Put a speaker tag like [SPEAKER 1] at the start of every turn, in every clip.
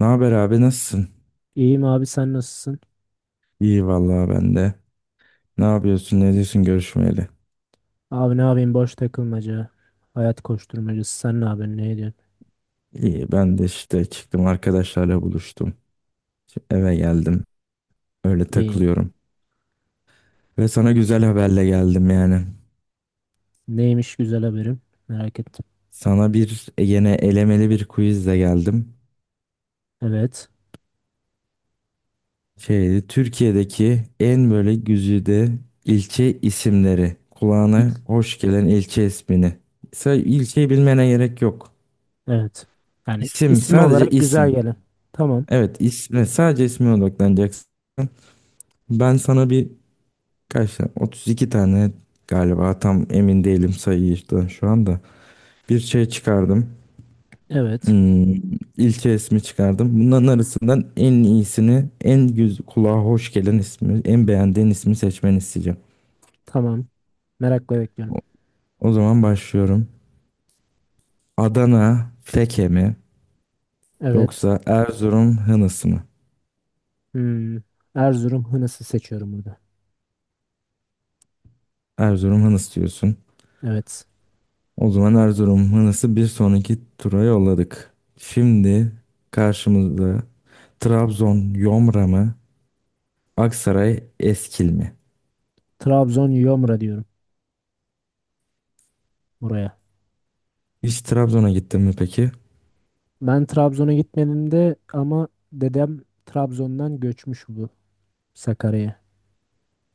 [SPEAKER 1] Ne haber abi, nasılsın?
[SPEAKER 2] İyiyim abi, sen nasılsın?
[SPEAKER 1] İyi vallahi, ben de. Ne yapıyorsun, ne diyorsun görüşmeyeli?
[SPEAKER 2] Abi, ne yapayım, boş takılmaca. Hayat koşturmacası, sen ne yapıyorsun, ne ediyorsun?
[SPEAKER 1] İyi, ben de işte, çıktım arkadaşlarla buluştum. Şimdi eve geldim, öyle
[SPEAKER 2] İyi.
[SPEAKER 1] takılıyorum. Ve sana güzel haberle geldim yani.
[SPEAKER 2] Neymiş güzel haberim? Merak ettim.
[SPEAKER 1] Sana bir yine elemeli bir quizle geldim.
[SPEAKER 2] Evet.
[SPEAKER 1] Şeydi, Türkiye'deki en böyle güzide ilçe isimleri.
[SPEAKER 2] İl-
[SPEAKER 1] Kulağına hoş gelen ilçe ismini. İlçeyi bilmene gerek yok.
[SPEAKER 2] Evet. Yani
[SPEAKER 1] İsim,
[SPEAKER 2] isim
[SPEAKER 1] sadece
[SPEAKER 2] olarak güzel
[SPEAKER 1] isim.
[SPEAKER 2] gelen. Tamam.
[SPEAKER 1] Evet, isme, sadece isme odaklanacaksın. Ben sana bir kaç tane, 32 tane galiba, tam emin değilim sayıydan şu anda. Bir şey çıkardım.
[SPEAKER 2] Evet.
[SPEAKER 1] Hmm, ilçe ismi çıkardım. Bunların arasından en iyisini, en güz kulağa hoş gelen ismi, en beğendiğin ismi seçmeni isteyeceğim.
[SPEAKER 2] Tamam. Merakla bekliyorum.
[SPEAKER 1] O o zaman başlıyorum. Adana Feke mi
[SPEAKER 2] Evet.
[SPEAKER 1] yoksa Erzurum Hınıs mı?
[SPEAKER 2] Hmm. Erzurum Hınıs'ı seçiyorum burada.
[SPEAKER 1] Erzurum Hınıs diyorsun.
[SPEAKER 2] Evet.
[SPEAKER 1] O zaman Erzurum Hınıs'ı bir sonraki tura yolladık. Şimdi karşımızda Trabzon Yomra mı? Aksaray Eskil mi?
[SPEAKER 2] Trabzon Yomra diyorum buraya.
[SPEAKER 1] Hiç Trabzon'a gittin mi peki?
[SPEAKER 2] Ben Trabzon'a gitmedim de ama dedem Trabzon'dan göçmüş, bu Sakarya'ya.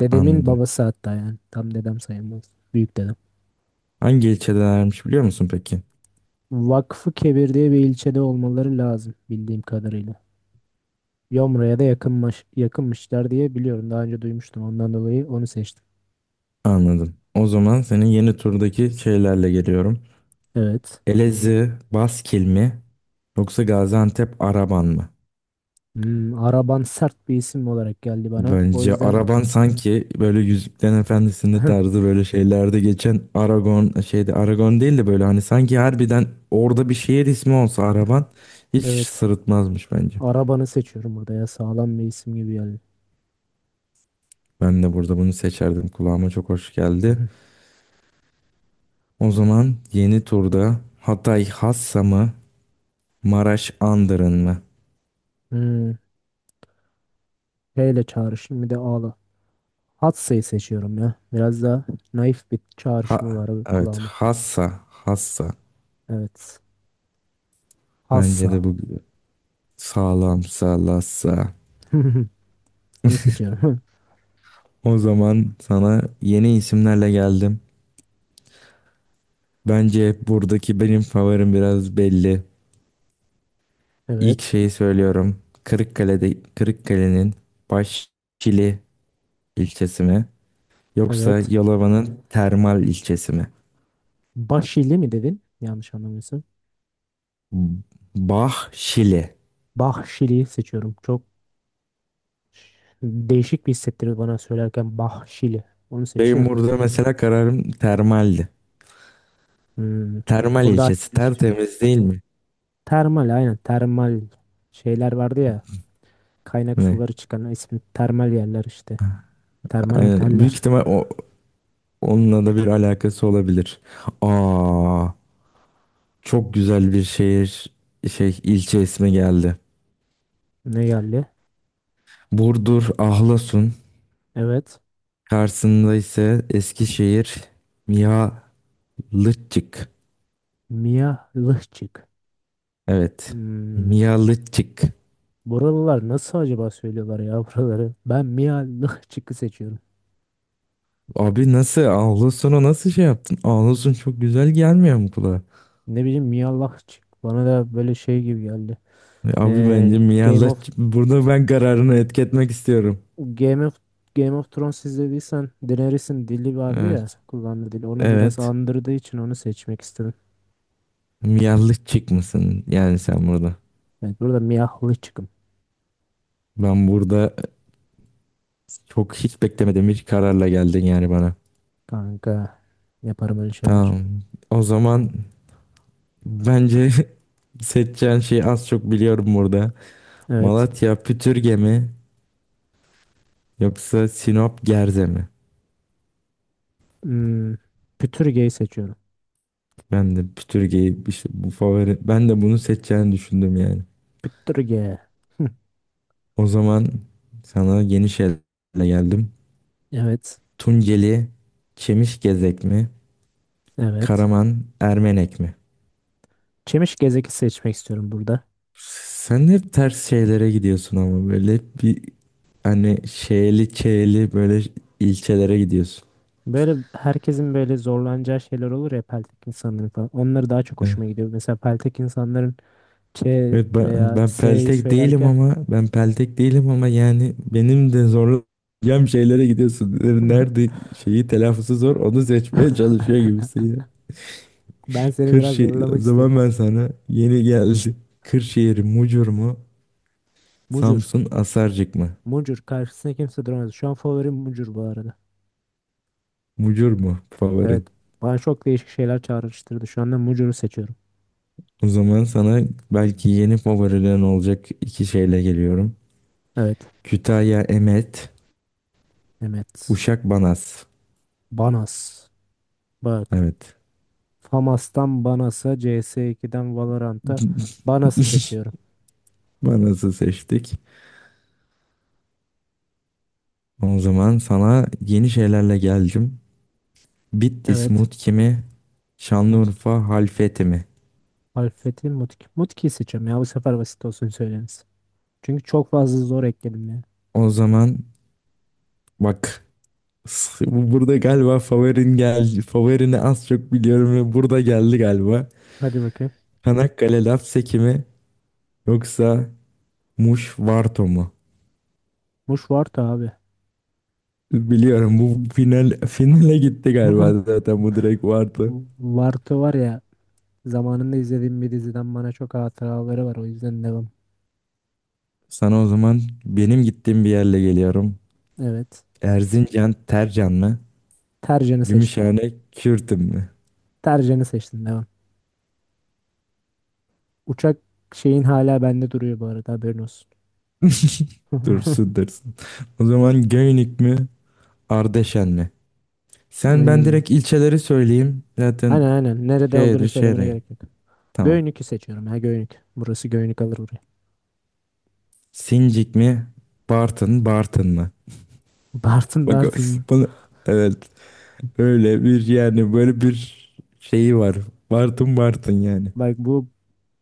[SPEAKER 2] Dedemin
[SPEAKER 1] Anladım.
[SPEAKER 2] babası hatta, yani. Tam dedem sayılmaz. Büyük dedem.
[SPEAKER 1] Hangi ilçedelermiş biliyor musun peki?
[SPEAKER 2] Vakfı Kebir diye bir ilçede olmaları lazım bildiğim kadarıyla. Yomra'ya da yakınmış, yakınmışlar diye biliyorum. Daha önce duymuştum. Ondan dolayı onu seçtim.
[SPEAKER 1] Anladım. O zaman senin yeni turdaki şeylerle geliyorum.
[SPEAKER 2] Evet.
[SPEAKER 1] Elazığ Baskil mi? Yoksa Gaziantep Araban mı?
[SPEAKER 2] Hmm, araban sert bir isim olarak geldi bana. O
[SPEAKER 1] Bence
[SPEAKER 2] yüzden
[SPEAKER 1] araban sanki böyle Yüzüklerin Efendisi'nde tarzı böyle şeylerde geçen Aragon, şeyde Aragon değil de, böyle hani sanki harbiden orada bir şehir ismi olsa araban hiç
[SPEAKER 2] evet.
[SPEAKER 1] sırıtmazmış bence.
[SPEAKER 2] Arabanı seçiyorum burada ya. Sağlam bir isim gibi geldi.
[SPEAKER 1] Ben de burada bunu seçerdim. Kulağıma çok hoş geldi. O zaman yeni turda Hatay Hassa mı, Maraş Andırın mı?
[SPEAKER 2] Hmm, P ile çağrışım, bir de A'la. Hatsa'yı seçiyorum ya. Biraz daha naif bir çağrışımı
[SPEAKER 1] Ha,
[SPEAKER 2] var
[SPEAKER 1] evet,
[SPEAKER 2] kulağıma.
[SPEAKER 1] Hassa Hassa.
[SPEAKER 2] Evet.
[SPEAKER 1] Bence
[SPEAKER 2] Hassa.
[SPEAKER 1] de bu sağlam, sağlassa.
[SPEAKER 2] Onu seçiyorum.
[SPEAKER 1] O zaman sana yeni isimlerle geldim. Bence buradaki benim favorim biraz belli. İlk
[SPEAKER 2] Evet.
[SPEAKER 1] şeyi söylüyorum. Kırıkkale'nin Başçili ilçesi mi? Yoksa
[SPEAKER 2] Evet.
[SPEAKER 1] Yalova'nın Termal ilçesi mi?
[SPEAKER 2] Bahşili mi dedin? Yanlış anlamıyorsun.
[SPEAKER 1] Bahşili.
[SPEAKER 2] Bahşili seçiyorum. Çok değişik bir hissettirir bana söylerken Bahşili. Onu
[SPEAKER 1] Benim
[SPEAKER 2] seçiyorum.
[SPEAKER 1] burada mesela kararım Termal'di.
[SPEAKER 2] Hmm.
[SPEAKER 1] Termal
[SPEAKER 2] Burada ayrı
[SPEAKER 1] ilçesi
[SPEAKER 2] düştük.
[SPEAKER 1] tertemiz değil mi?
[SPEAKER 2] Termal, aynen, termal şeyler vardı ya. Kaynak
[SPEAKER 1] Ne?
[SPEAKER 2] suları çıkan ismi termal yerler işte. Termal
[SPEAKER 1] Aynen. Büyük
[SPEAKER 2] oteller.
[SPEAKER 1] ihtimal onunla da bir alakası olabilir. Aa, çok güzel bir şehir, şey, ilçe ismi geldi.
[SPEAKER 2] Ne yerli?
[SPEAKER 1] Burdur Ahlasun.
[SPEAKER 2] Evet.
[SPEAKER 1] Karşısında ise Eskişehir Mihalıççık.
[SPEAKER 2] Miyallıhçık.
[SPEAKER 1] Evet.
[SPEAKER 2] Hmm.
[SPEAKER 1] Mihalıççık.
[SPEAKER 2] Buralılar nasıl acaba söylüyorlar ya buraları? Ben Miyallıhçık'ı seçiyorum.
[SPEAKER 1] Abi nasıl? Ağlusunu nasıl şey yaptın? Ağlusun çok güzel gelmiyor mu kulağa?
[SPEAKER 2] Ne bileyim, Miyallahçık bana da böyle şey gibi geldi.
[SPEAKER 1] Abi
[SPEAKER 2] Ee,
[SPEAKER 1] bence
[SPEAKER 2] Game of
[SPEAKER 1] Mihalıççık. Burada ben kararını etketmek istiyorum.
[SPEAKER 2] Game of Game of Thrones izlediysen, Daenerys'in dili vardı ya,
[SPEAKER 1] Evet.
[SPEAKER 2] kullandığı dili ona biraz
[SPEAKER 1] Evet.
[SPEAKER 2] andırdığı için onu seçmek istedim.
[SPEAKER 1] Mihalıççık mısın? Yani sen burada.
[SPEAKER 2] Evet, burada Miyallahçık'ım
[SPEAKER 1] Ben burada çok hiç beklemediğim bir kararla geldin yani bana.
[SPEAKER 2] kanka, yaparım öyle şeyler.
[SPEAKER 1] Tamam. O zaman bence seçeceğin şeyi az çok biliyorum burada.
[SPEAKER 2] Evet.
[SPEAKER 1] Malatya Pütürge mi yoksa Sinop Gerze mi?
[SPEAKER 2] Hmm, Pütürge'yi seçiyorum.
[SPEAKER 1] Ben de Pütürge'yi, işte bu favori, ben de bunu seçeceğini düşündüm yani.
[SPEAKER 2] Pütürge. Hı.
[SPEAKER 1] O zaman sana yeni şeyle geldim.
[SPEAKER 2] Evet.
[SPEAKER 1] Tunceli Çemişgezek mi?
[SPEAKER 2] Evet.
[SPEAKER 1] Karaman Ermenek mi?
[SPEAKER 2] Çemiş gezeki seçmek istiyorum burada.
[SPEAKER 1] Sen hep ters şeylere gidiyorsun ama böyle bir hani şeyli çeyli böyle ilçelere gidiyorsun.
[SPEAKER 2] Böyle herkesin böyle zorlanacağı şeyler olur ya, peltek insanların falan. Onları daha çok hoşuma gidiyor. Mesela peltek insanların Ç
[SPEAKER 1] Evet ben,
[SPEAKER 2] veya
[SPEAKER 1] ben
[SPEAKER 2] S'yi
[SPEAKER 1] peltek değilim
[SPEAKER 2] söylerken
[SPEAKER 1] ama ben peltek değilim ama yani benim de zorlayacağım şeylere gidiyorsun. Nerede şeyi telaffuzu zor onu seçmeye çalışıyor gibisin ya.
[SPEAKER 2] ben seni biraz
[SPEAKER 1] Kırşehir, o
[SPEAKER 2] zorlamak istiyorum.
[SPEAKER 1] zaman ben sana yeni geldi. Kırşehir Mucur mu?
[SPEAKER 2] Mucur.
[SPEAKER 1] Samsun Asarcık mı?
[SPEAKER 2] Mucur. Karşısına kimse duramaz. Şu an favorim Mucur bu arada.
[SPEAKER 1] Mucur mu
[SPEAKER 2] Evet.
[SPEAKER 1] favorin?
[SPEAKER 2] Bana çok değişik şeyler çağrıştırdı. Şu anda Mucur'u seçiyorum.
[SPEAKER 1] O zaman sana belki yeni favorilerin olacak iki şeyle geliyorum.
[SPEAKER 2] Evet.
[SPEAKER 1] Kütahya Emet,
[SPEAKER 2] Mehmet.
[SPEAKER 1] Uşak Banas.
[SPEAKER 2] Banas. Bak.
[SPEAKER 1] Evet.
[SPEAKER 2] Famas'tan Banas'a, CS2'den Valorant'a, Banas'ı seçiyorum.
[SPEAKER 1] Banas'ı seçtik. O zaman sana yeni şeylerle geldim. Bitlis
[SPEAKER 2] Evet.
[SPEAKER 1] Mutki mi?
[SPEAKER 2] Mutki.
[SPEAKER 1] Şanlıurfa Halfeti mi?
[SPEAKER 2] Alfet'in Mutki. Mutki'yi seçiyorum ya. Bu sefer basit olsun söyleniz. Çünkü çok fazla zor ekledim ya.
[SPEAKER 1] O zaman bak, burada galiba favorin geldi. Favorini az çok biliyorum ve burada geldi galiba.
[SPEAKER 2] Hadi bakayım.
[SPEAKER 1] Çanakkale Lapseki mi? Yoksa Muş Varto mu?
[SPEAKER 2] Muş var da abi.
[SPEAKER 1] Biliyorum, bu finale gitti galiba zaten, bu direkt vardı.
[SPEAKER 2] Varto var ya, zamanında izlediğim bir diziden bana çok hatıraları var, o yüzden devam.
[SPEAKER 1] Sana o zaman benim gittiğim bir yerle geliyorum.
[SPEAKER 2] Evet.
[SPEAKER 1] Erzincan Tercan mı?
[SPEAKER 2] Tercan'ı seçtim.
[SPEAKER 1] Gümüşhane Kürtün mü?
[SPEAKER 2] Tercan'ı seçtim, devam. Uçak şeyin hala bende duruyor bu arada, haberin olsun.
[SPEAKER 1] Dursun dursun. O zaman Göynük mü Ardeşen mi? Sen, ben
[SPEAKER 2] Hmm.
[SPEAKER 1] direkt ilçeleri söyleyeyim zaten.
[SPEAKER 2] Aynen, aynen. Nerede olduğunu
[SPEAKER 1] şehri
[SPEAKER 2] söylemene
[SPEAKER 1] şehri.
[SPEAKER 2] gerek yok.
[SPEAKER 1] Tamam.
[SPEAKER 2] Göynük'ü seçiyorum, ha Göynük. Burası Göynük alır burayı.
[SPEAKER 1] Sincik mi Bartın Bartın mı?
[SPEAKER 2] Bartın
[SPEAKER 1] Bak,
[SPEAKER 2] Bartın mı?
[SPEAKER 1] bunu, evet, öyle bir yani böyle bir şeyi var. Bartın Bartın yani.
[SPEAKER 2] Bak, bu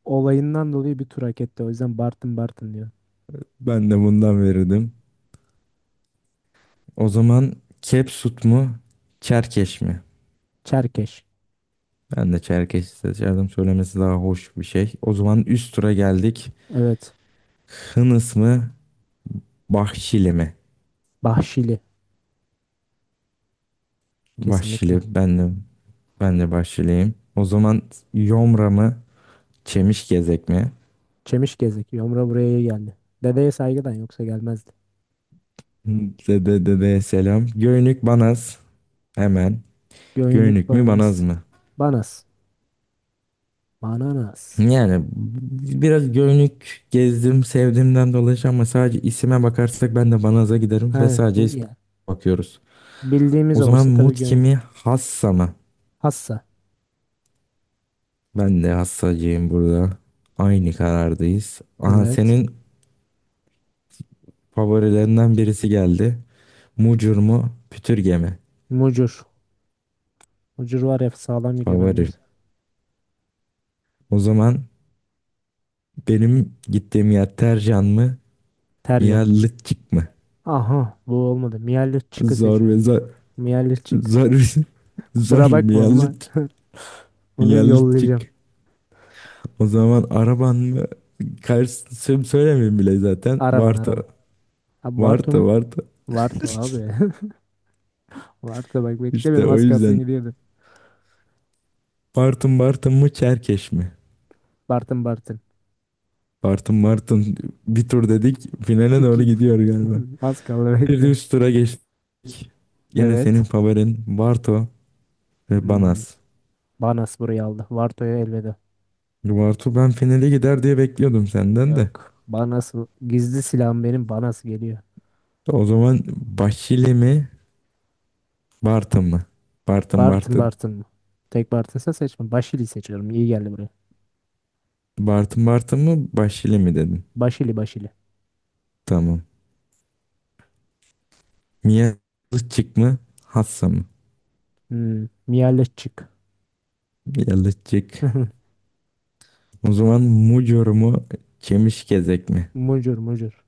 [SPEAKER 2] olayından dolayı bir tur hak etti. O yüzden Bartın Bartın diyor.
[SPEAKER 1] Ben de bundan verirdim. O zaman Kepsut mu Çerkeş mi?
[SPEAKER 2] Çerkeş.
[SPEAKER 1] Ben de Çerkeş seçerdim. Söylemesi daha hoş bir şey. O zaman üst tura geldik.
[SPEAKER 2] Evet.
[SPEAKER 1] Hınıs mı? Bahşili mi?
[SPEAKER 2] Bahşili. Kesinlikle.
[SPEAKER 1] Bahşili. Ben de Bahşiliyim. O zaman Yomra mı? Çemişgezek mi?
[SPEAKER 2] Çemiş gezek. Yomra buraya geldi. Dedeye saygıdan yoksa gelmezdi.
[SPEAKER 1] Dede dede selam. Göynük Banaz. Hemen.
[SPEAKER 2] Göynük
[SPEAKER 1] Göynük mü Banaz
[SPEAKER 2] banas.
[SPEAKER 1] mı?
[SPEAKER 2] Banas. Bananas.
[SPEAKER 1] Yani biraz Göynük gezdim sevdiğimden dolayı ama sadece isime bakarsak ben de Banaz'a giderim ve
[SPEAKER 2] Aynen.
[SPEAKER 1] sadece isme
[SPEAKER 2] Ya.
[SPEAKER 1] bakıyoruz.
[SPEAKER 2] Bildiğimiz
[SPEAKER 1] O zaman
[SPEAKER 2] olursa tabii
[SPEAKER 1] Mutki
[SPEAKER 2] göynük.
[SPEAKER 1] mi Hassa mı?
[SPEAKER 2] Hassa.
[SPEAKER 1] Ben de Hassacıyım burada. Aynı karardayız. Aha,
[SPEAKER 2] Evet.
[SPEAKER 1] senin favorilerinden birisi geldi. Mucur mu? Pütürge mi?
[SPEAKER 2] Mucur. Mucur var ya, sağlam gidiyor ben
[SPEAKER 1] Favori.
[SPEAKER 2] neyse.
[SPEAKER 1] O zaman benim gittiğim yer Tercan mı?
[SPEAKER 2] Tercan.
[SPEAKER 1] Miyallıkçık mı?
[SPEAKER 2] Aha, bu olmadı. Miyalit çıkı
[SPEAKER 1] Zor ve
[SPEAKER 2] seçiyorum.
[SPEAKER 1] zor.
[SPEAKER 2] Miyalit çık.
[SPEAKER 1] Zor
[SPEAKER 2] Kusura
[SPEAKER 1] zor.
[SPEAKER 2] bakma ama
[SPEAKER 1] Miyallık.
[SPEAKER 2] bunu yollayacağım.
[SPEAKER 1] Miyallıkçık. O zaman araban mı? Karşısını söylemeyeyim bile zaten.
[SPEAKER 2] Araban,
[SPEAKER 1] Varto.
[SPEAKER 2] araban. Abi Bartu
[SPEAKER 1] Varto.
[SPEAKER 2] mu?
[SPEAKER 1] Varto.
[SPEAKER 2] Bartu abi. Bartu, bak
[SPEAKER 1] İşte
[SPEAKER 2] beklemedim,
[SPEAKER 1] o
[SPEAKER 2] az kalsın
[SPEAKER 1] yüzden.
[SPEAKER 2] gidiyordu.
[SPEAKER 1] Bartın Bartın mı? Çerkeş mi?
[SPEAKER 2] Bartın Bartın.
[SPEAKER 1] Bartın Bartın. Bir tur dedik. Finale doğru
[SPEAKER 2] İki
[SPEAKER 1] gidiyor galiba.
[SPEAKER 2] az kaldı,
[SPEAKER 1] Bir de
[SPEAKER 2] bekle.
[SPEAKER 1] üst tura geçtik. Yine
[SPEAKER 2] Evet.
[SPEAKER 1] senin favorin Barto ve
[SPEAKER 2] Hmm.
[SPEAKER 1] Banas.
[SPEAKER 2] Banas burayı aldı. Varto'ya elveda.
[SPEAKER 1] Bartu ben finale gider diye bekliyordum senden de.
[SPEAKER 2] Yok. Banas gizli silahım benim. Banas geliyor.
[SPEAKER 1] O zaman Başili mi Bartın mı? Bartın
[SPEAKER 2] Bartın
[SPEAKER 1] Bartın.
[SPEAKER 2] Bartın mı? Tek Bartın'sa seçme. Başili seçiyorum. İyi geldi buraya.
[SPEAKER 1] Bartın Bartın mı Başili mi dedin?
[SPEAKER 2] Başili, Başili.
[SPEAKER 1] Tamam. Mia Yalıççık mı Hassa mı?
[SPEAKER 2] Hmm. Miyaleş çık.
[SPEAKER 1] Yalıççık. O zaman Mucur mu Çemişgezek mi?
[SPEAKER 2] Mucur, Mucur.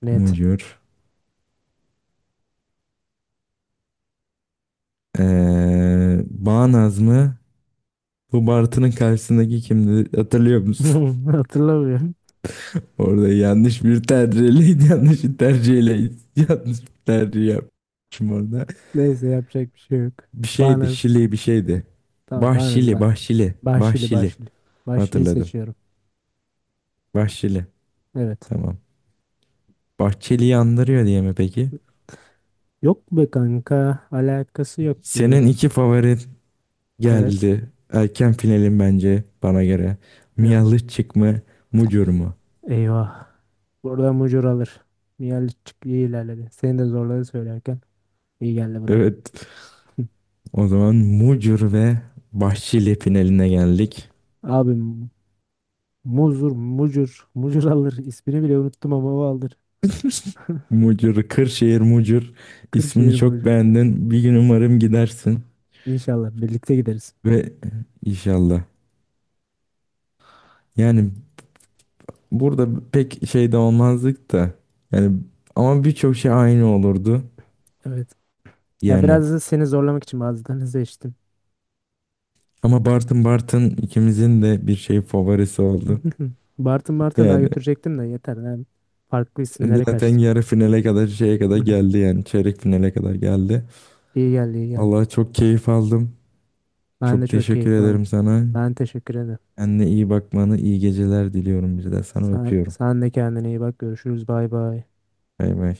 [SPEAKER 2] Net.
[SPEAKER 1] Mucur. Bağnaz mı? Bu Bartı'nın karşısındaki kimdi, hatırlıyor musun?
[SPEAKER 2] Hatırlamıyorum.
[SPEAKER 1] Orada yanlış bir tercihle, yanlış bir tercihle, yanlış bir tercih yapmışım orada.
[SPEAKER 2] Neyse, yapacak bir şey yok.
[SPEAKER 1] Bir şeydi,
[SPEAKER 2] Banas.
[SPEAKER 1] Şili bir şeydi.
[SPEAKER 2] Tamam, Banas
[SPEAKER 1] Bahşili,
[SPEAKER 2] ben.
[SPEAKER 1] Bahşili,
[SPEAKER 2] Başili,
[SPEAKER 1] Bahşili.
[SPEAKER 2] Başili. Başili
[SPEAKER 1] Hatırladım.
[SPEAKER 2] seçiyorum.
[SPEAKER 1] Bahşili.
[SPEAKER 2] Evet.
[SPEAKER 1] Tamam. Bahçeli'yi andırıyor diye mi peki?
[SPEAKER 2] Yok be kanka. Alakası yok
[SPEAKER 1] Senin
[SPEAKER 2] diyorum.
[SPEAKER 1] iki favorin
[SPEAKER 2] Evet.
[SPEAKER 1] geldi. Erken finalin bence, bana göre.
[SPEAKER 2] Evet.
[SPEAKER 1] Miyalıçık mı, Mucur mu?
[SPEAKER 2] Eyvah. Buradan mucur alır. Nihal çık iyi ilerledi. Seni de zorladı söylerken. İyi geldi buraya.
[SPEAKER 1] Evet. O zaman Mucur ve Bahşili finaline geldik.
[SPEAKER 2] Abi muzur, mucur, mucur alır. İsmini bile unuttum ama o alır.
[SPEAKER 1] Mucur, Kırşehir Mucur. İsmini
[SPEAKER 2] Kırşehir
[SPEAKER 1] çok
[SPEAKER 2] mucur.
[SPEAKER 1] beğendin. Bir gün umarım gidersin
[SPEAKER 2] İnşallah birlikte gideriz.
[SPEAKER 1] ve inşallah. Yani burada pek şey de olmazdık da. Yani ama birçok şey aynı olurdu.
[SPEAKER 2] Evet. Ya,
[SPEAKER 1] Yani
[SPEAKER 2] biraz da seni zorlamak için bazılarını seçtim.
[SPEAKER 1] ama Bartın Bartın ikimizin de bir şey favorisi oldu.
[SPEAKER 2] Bartın Bartın daha
[SPEAKER 1] Yani
[SPEAKER 2] götürecektim de, yeter. Ben farklı isimlere
[SPEAKER 1] zaten
[SPEAKER 2] kaçtım.
[SPEAKER 1] yarı finale kadar, şeye kadar
[SPEAKER 2] Hı hı.
[SPEAKER 1] geldi yani, çeyrek finale kadar geldi.
[SPEAKER 2] İyi geldi, iyi geldi.
[SPEAKER 1] Vallahi çok keyif aldım.
[SPEAKER 2] Ben de
[SPEAKER 1] Çok
[SPEAKER 2] çok
[SPEAKER 1] teşekkür
[SPEAKER 2] keyif aldım.
[SPEAKER 1] ederim sana.
[SPEAKER 2] Ben teşekkür ederim.
[SPEAKER 1] Kendine iyi bakmanı, iyi geceler diliyorum bir de sana,
[SPEAKER 2] Sen,
[SPEAKER 1] öpüyorum.
[SPEAKER 2] sen de kendine iyi bak. Görüşürüz. Bay bay.
[SPEAKER 1] Bay bay.